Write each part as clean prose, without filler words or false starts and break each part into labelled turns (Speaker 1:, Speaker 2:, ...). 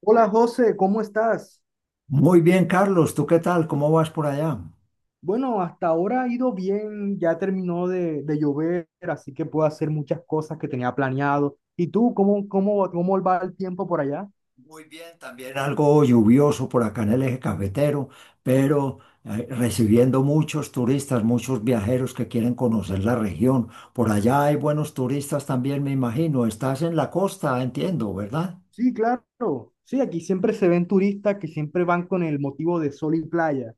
Speaker 1: Hola José, ¿cómo estás?
Speaker 2: Muy bien, Carlos, ¿tú qué tal? ¿Cómo vas por allá?
Speaker 1: Bueno, hasta ahora ha ido bien, ya terminó de llover, así que puedo hacer muchas cosas que tenía planeado. ¿Y tú, cómo va el tiempo por allá?
Speaker 2: Muy bien, también algo lluvioso por acá en el eje cafetero, pero recibiendo muchos turistas, muchos viajeros que quieren conocer la región. Por allá hay buenos turistas también, me imagino. Estás en la costa, entiendo, ¿verdad?
Speaker 1: Sí, claro. Sí, aquí siempre se ven turistas que siempre van con el motivo de sol y playa.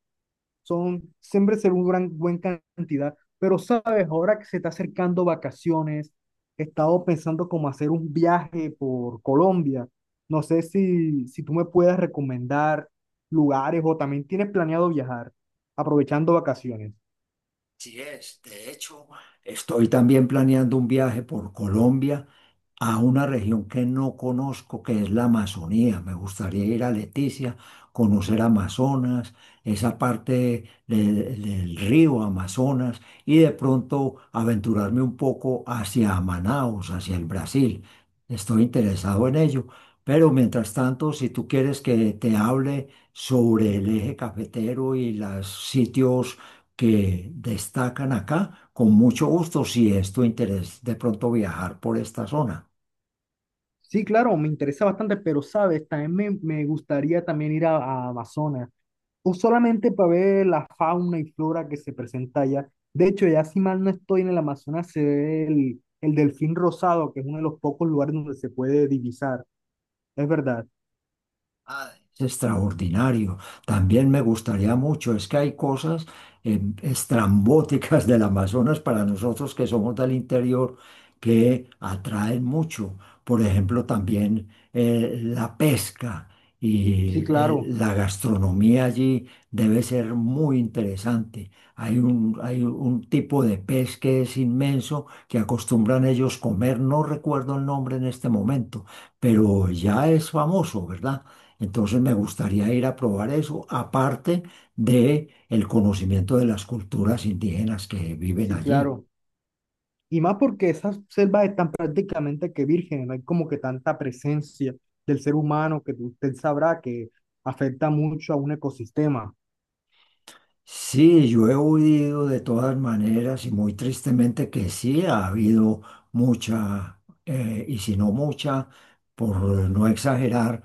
Speaker 1: Son, siempre se ve una gran, buena cantidad, pero sabes, ahora que se está acercando vacaciones, he estado pensando como hacer un viaje por Colombia. No sé si tú me puedes recomendar lugares o también tienes planeado viajar aprovechando vacaciones.
Speaker 2: Sí es, de hecho, estoy también planeando un viaje por Colombia a una región que no conozco, que es la Amazonía. Me gustaría ir a Leticia, conocer Amazonas, esa parte del río Amazonas y de pronto aventurarme un poco hacia Manaos, hacia el Brasil. Estoy interesado en ello. Pero mientras tanto, si tú quieres que te hable sobre el eje cafetero y los sitios que destacan acá. Con mucho gusto, si es tu interés de pronto viajar por esta zona.
Speaker 1: Sí, claro, me interesa bastante, pero sabes, me gustaría también ir a Amazonas. O solamente para ver la fauna y flora que se presenta allá. De hecho, ya si mal no estoy en el Amazonas, se ve el delfín rosado, que es uno de los pocos lugares donde se puede divisar. Es verdad.
Speaker 2: Ah, es extraordinario. También me gustaría mucho, es que hay cosas estrambóticas del Amazonas para nosotros que somos del interior que atraen mucho. Por ejemplo, también la pesca
Speaker 1: Sí,
Speaker 2: y
Speaker 1: claro,
Speaker 2: la gastronomía allí debe ser muy interesante. Hay un tipo de pez que es inmenso que acostumbran ellos comer, no recuerdo el nombre en este momento, pero ya es famoso, ¿verdad? Entonces me gustaría ir a probar eso, aparte de el conocimiento de las culturas indígenas que viven
Speaker 1: sí,
Speaker 2: allí.
Speaker 1: claro. Y más porque esas selvas están prácticamente que vírgenes, no hay como que tanta presencia del ser humano que usted sabrá que afecta mucho a un ecosistema.
Speaker 2: Sí, yo he oído de todas maneras y muy tristemente que sí ha habido mucha, y si no mucha, por no exagerar,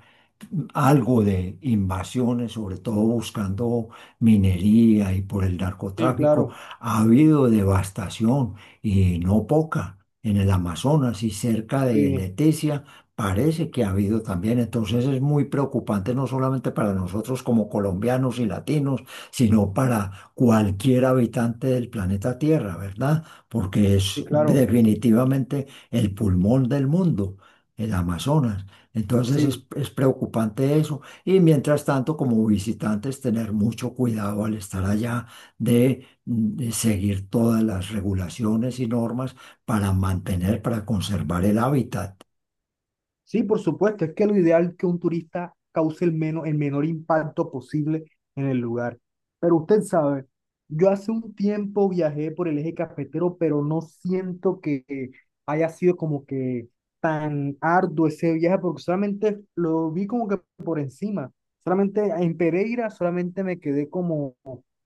Speaker 2: algo de invasiones, sobre todo buscando minería y por el
Speaker 1: Sí,
Speaker 2: narcotráfico,
Speaker 1: claro,
Speaker 2: ha habido devastación y no poca en el Amazonas y cerca de
Speaker 1: sí,
Speaker 2: Leticia. Parece que ha habido también, entonces es muy preocupante no solamente para nosotros como colombianos y latinos, sino para cualquier habitante del planeta Tierra, ¿verdad? Porque
Speaker 1: sí,
Speaker 2: es
Speaker 1: claro,
Speaker 2: definitivamente el pulmón del mundo, el Amazonas. Entonces
Speaker 1: sí.
Speaker 2: es preocupante eso. Y mientras tanto, como visitantes, tener mucho cuidado al estar allá de seguir todas las regulaciones y normas para mantener, para conservar el hábitat.
Speaker 1: Sí, por supuesto, es que lo ideal es que un turista cause el, menos, el menor impacto posible en el lugar. Pero usted sabe, yo hace un tiempo viajé por el eje cafetero, pero no siento que haya sido como que tan arduo ese viaje, porque solamente lo vi como que por encima. Solamente en Pereira, solamente me quedé como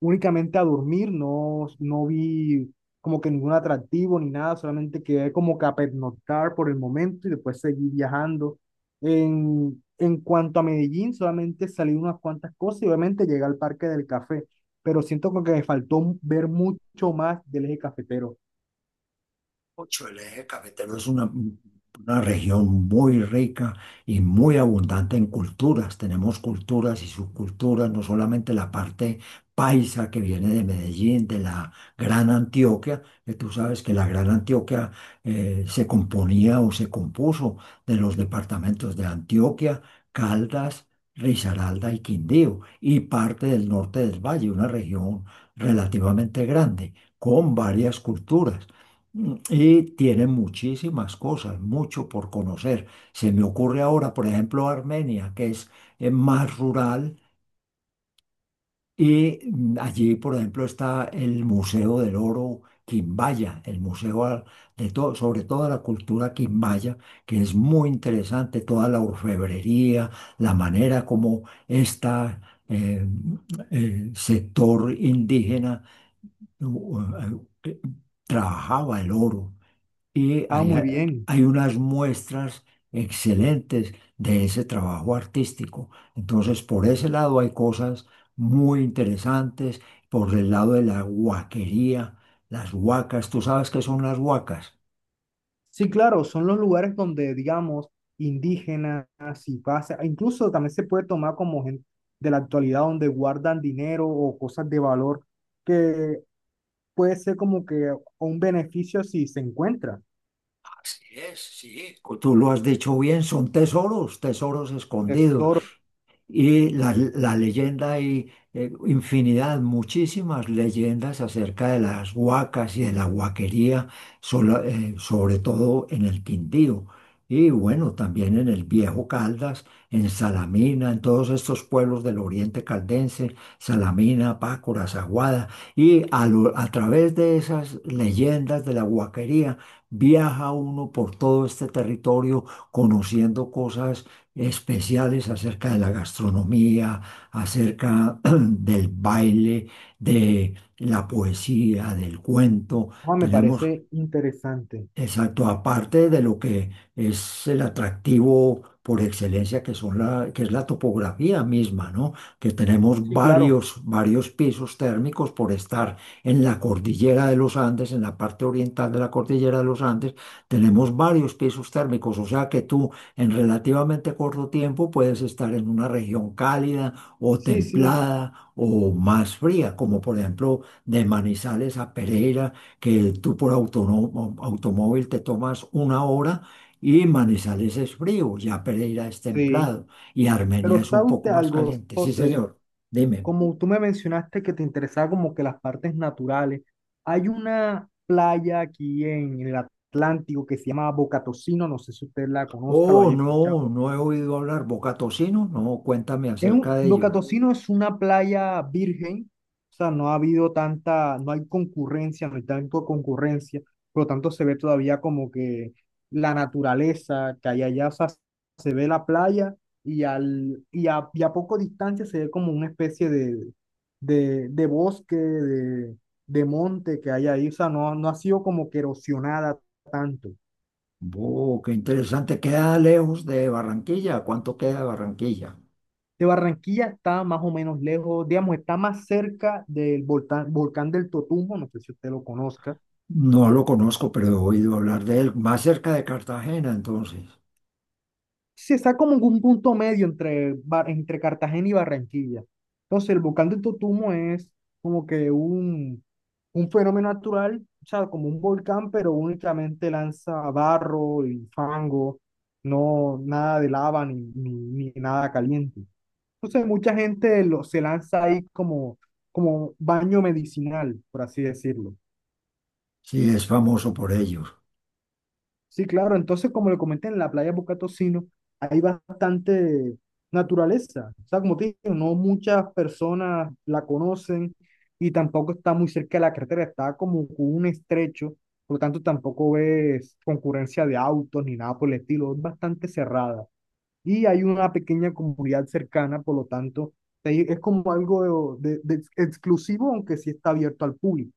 Speaker 1: únicamente a dormir, no, no vi como que ningún atractivo ni nada, solamente quedé como que a pernoctar por el momento y después seguí viajando. En cuanto a Medellín, solamente salí unas cuantas cosas y obviamente llegué al Parque del Café, pero siento como que me faltó ver mucho más del eje cafetero.
Speaker 2: Ocho, el eje cafetero es una región muy rica y muy abundante en culturas. Tenemos culturas y subculturas, no solamente la parte paisa que viene de Medellín, de la Gran Antioquia, que tú sabes que la Gran Antioquia se componía o se compuso de los departamentos de Antioquia, Caldas, Risaralda y Quindío, y parte del norte del valle, una región relativamente grande, con varias culturas. Mm, y tiene muchísimas cosas, mucho por conocer. Se me ocurre ahora, por ejemplo, Armenia, que es más rural, y mm, allí, por ejemplo, está el Museo del Oro Quimbaya, el de todo, sobre toda la cultura quimbaya, que es muy interesante, toda la orfebrería, la manera como esta eh, sector indígena u- u- eh, trabajaba el oro. Y
Speaker 1: Ah,
Speaker 2: hay,
Speaker 1: muy bien.
Speaker 2: hay unas muestras excelentes de ese trabajo artístico. Entonces, por ese lado hay cosas muy interesantes. Por el lado de la huaquería, las huacas, ¿tú sabes qué son las huacas?
Speaker 1: Sí, claro, son los lugares donde, digamos, indígenas y pasa, incluso también se puede tomar como gente de la actualidad donde guardan dinero o cosas de valor que puede ser como que un beneficio si se encuentra
Speaker 2: Así es, sí. Tú lo has dicho bien, son tesoros, tesoros escondidos.
Speaker 1: tesoros.
Speaker 2: Y la leyenda hay infinidad, muchísimas leyendas acerca de las huacas y de la huaquería, sobre todo en el Quindío. Y bueno, también en el Viejo Caldas, en Salamina, en todos estos pueblos del oriente caldense, Salamina, Pácora, Zaguada. Y a través de esas leyendas de la huaquería, viaja uno por todo este territorio conociendo cosas especiales acerca de la gastronomía, acerca del baile, de la poesía, del cuento.
Speaker 1: Ah, me
Speaker 2: Tenemos
Speaker 1: parece interesante.
Speaker 2: exacto, aparte de lo que es el atractivo por excelencia que que es la topografía misma, ¿no? Que tenemos
Speaker 1: Sí, claro.
Speaker 2: varios, varios pisos térmicos por estar en la cordillera de los Andes, en la parte oriental de la cordillera de los Andes, tenemos varios pisos térmicos, o sea que tú en relativamente corto tiempo puedes estar en una región cálida o
Speaker 1: Sí, sí,
Speaker 2: templada o más fría, como por ejemplo de Manizales a Pereira que tú por automóvil te tomas una hora y Manizales es frío, ya Pereira es
Speaker 1: sí.
Speaker 2: templado y
Speaker 1: Pero
Speaker 2: Armenia es un
Speaker 1: ¿sabe
Speaker 2: poco
Speaker 1: usted
Speaker 2: más
Speaker 1: algo,
Speaker 2: caliente. Sí,
Speaker 1: José?
Speaker 2: señor, dime.
Speaker 1: Como tú me mencionaste que te interesaba como que las partes naturales, hay una playa aquí en el Atlántico que se llama Bocatocino, no sé si usted la conozca, lo
Speaker 2: Oh,
Speaker 1: haya escuchado.
Speaker 2: no, no he oído hablar Bocatocino, no, cuéntame
Speaker 1: Es
Speaker 2: acerca
Speaker 1: un,
Speaker 2: de
Speaker 1: Boca
Speaker 2: ello.
Speaker 1: es una playa virgen, o sea, no ha habido tanta, no hay concurrencia, no hay tanto concurrencia, por lo tanto se ve todavía como que la naturaleza que hay allá, o sea, se ve la playa y, al, y a poco distancia se ve como una especie de bosque, de monte que hay ahí, o sea, no, no ha sido como que erosionada tanto.
Speaker 2: Oh, qué interesante, queda lejos de Barranquilla, ¿cuánto queda de Barranquilla?
Speaker 1: De Barranquilla está más o menos lejos, digamos, está más cerca del volcán, volcán del Totumbo, no sé si usted lo conozca.
Speaker 2: No lo conozco, pero he oído hablar de él, más cerca de Cartagena, entonces.
Speaker 1: Se está como en un punto medio entre, Bar- entre Cartagena y Barranquilla. Entonces, el volcán del Totumbo es como que un fenómeno natural, o sea, como un volcán, pero únicamente lanza barro y fango, no nada de lava ni nada caliente. Entonces mucha gente lo, se lanza ahí como, como baño medicinal, por así decirlo.
Speaker 2: Sí, es famoso por ello.
Speaker 1: Sí, claro, entonces como le comenté en la playa Bucatocino, hay bastante naturaleza. O sea, como te digo, no muchas personas la conocen y tampoco está muy cerca de la carretera, está como con un estrecho, por lo tanto tampoco ves concurrencia de autos ni nada por el estilo, es bastante cerrada. Y hay una pequeña comunidad cercana, por lo tanto, ahí es como algo de exclusivo, aunque sí está abierto al público.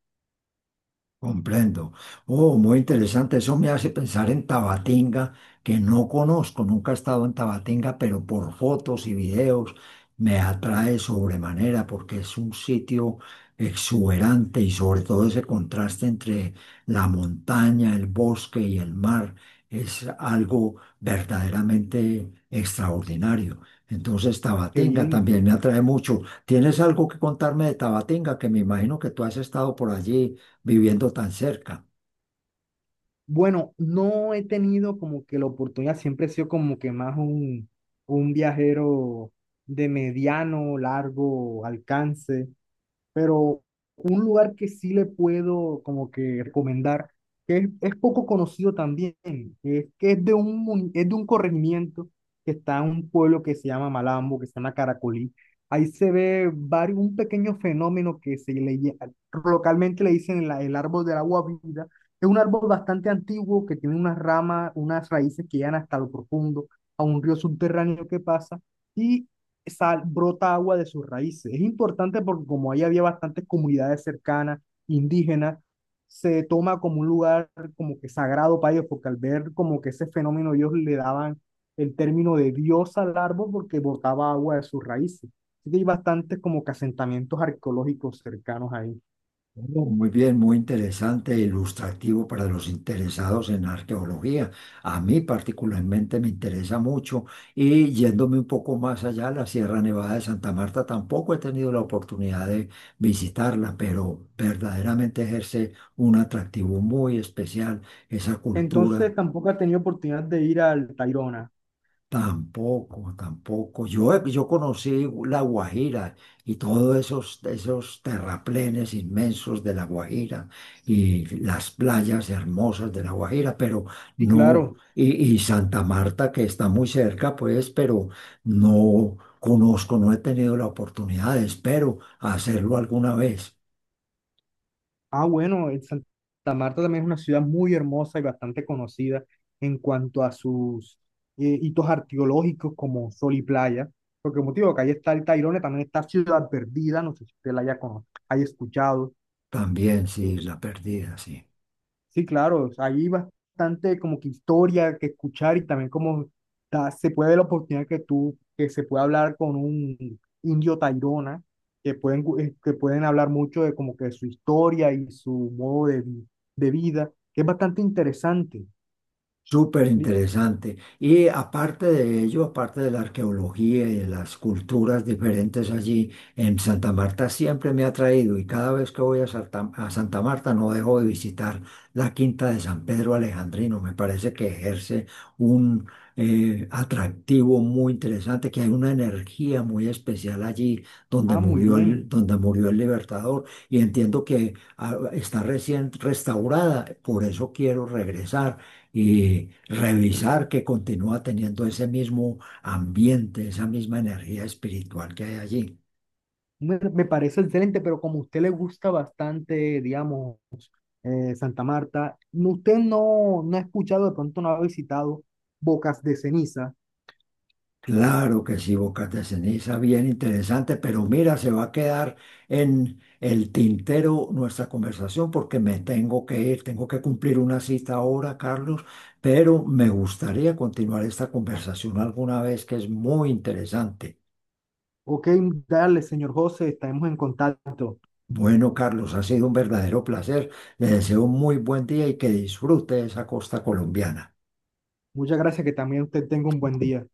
Speaker 2: Comprendo. Oh, muy interesante. Eso me hace pensar en Tabatinga, que no conozco, nunca he estado en Tabatinga, pero por fotos y videos me atrae sobremanera porque es un sitio exuberante y sobre todo ese contraste entre la montaña, el bosque y el mar es algo verdaderamente extraordinario. Entonces,
Speaker 1: Qué
Speaker 2: Tabatinga
Speaker 1: bien.
Speaker 2: también me atrae mucho. ¿Tienes algo que contarme de Tabatinga? Que me imagino que tú has estado por allí viviendo tan cerca.
Speaker 1: Bueno, no he tenido como que la oportunidad, siempre he sido como que más un viajero de mediano, largo alcance. Pero un lugar que sí le puedo como que recomendar, que es poco conocido también, es que es de un, mun- es de un corregimiento que está en un pueblo que se llama Malambo, que se llama Caracolí. Ahí se ve varios, un pequeño fenómeno que se le, lle- localmente le dicen la- el árbol del agua viva. Es un árbol bastante antiguo que tiene unas ramas, unas raíces que llegan hasta lo profundo, a un río subterráneo que pasa. Y sal, brota agua de sus raíces. Es importante porque como ahí había bastantes comunidades cercanas, indígenas, se toma como un lugar como que sagrado para ellos, porque al ver como que ese fenómeno ellos le daban el término de diosa al árbol porque brotaba agua de sus raíces. Así que hay bastantes como que asentamientos arqueológicos cercanos ahí.
Speaker 2: Oh, muy bien, muy interesante e ilustrativo para los interesados en arqueología. A mí particularmente me interesa mucho y yéndome un poco más allá, la Sierra Nevada de Santa Marta tampoco he tenido la oportunidad de visitarla, pero verdaderamente ejerce un atractivo muy especial esa cultura.
Speaker 1: Entonces tampoco ha tenido oportunidad de ir al Tayrona.
Speaker 2: Tampoco, tampoco. Yo conocí La Guajira y todos esos terraplenes inmensos de La Guajira y las playas hermosas de La Guajira, pero
Speaker 1: Sí,
Speaker 2: no,
Speaker 1: claro.
Speaker 2: y Santa Marta que está muy cerca, pues, pero no conozco, no he tenido la oportunidad, espero hacerlo alguna vez.
Speaker 1: Ah, bueno, el Santa Marta también es una ciudad muy hermosa y bastante conocida en cuanto a sus hitos arqueológicos como Sol y Playa, porque motivo que ahí está el Tayrona, también está Ciudad Perdida, no sé si usted la haya, cono- haya escuchado.
Speaker 2: También, sí, la perdida, sí.
Speaker 1: Sí, claro, o sea, hay bastante como que historia que escuchar y también como ta- se puede la oportunidad que tú, que se puede hablar con un indio Tairona, que pueden, gu- que pueden hablar mucho de como que su historia y su modo de, vi- de vida, que es bastante interesante.
Speaker 2: Súper
Speaker 1: Li-
Speaker 2: interesante. Y aparte de ello, aparte de la arqueología y de las culturas diferentes allí, en Santa Marta siempre me ha atraído y cada vez que voy a Santa Marta no dejo de visitar la Quinta de San Pedro Alejandrino. Me parece que ejerce un atractivo muy interesante, que hay una energía muy especial allí
Speaker 1: Ah, muy bien.
Speaker 2: donde murió el Libertador y entiendo que está recién restaurada. Por eso quiero regresar y revisar que continúa teniendo ese mismo ambiente, esa misma energía espiritual que hay allí.
Speaker 1: Me parece excelente, pero como a usted le gusta bastante, digamos, Santa Marta, no- usted no, no ha escuchado, de pronto no ha visitado Bocas de Ceniza.
Speaker 2: Claro que sí, Bocas de Ceniza, bien interesante, pero mira, se va a quedar en el tintero nuestra conversación porque me tengo que ir, tengo que cumplir una cita ahora, Carlos, pero me gustaría continuar esta conversación alguna vez que es muy interesante.
Speaker 1: Ok, dale, señor José, estaremos en contacto.
Speaker 2: Bueno, Carlos, ha sido un verdadero placer. Le deseo un muy buen día y que disfrute esa costa colombiana.
Speaker 1: Muchas gracias, que también usted tenga un buen día.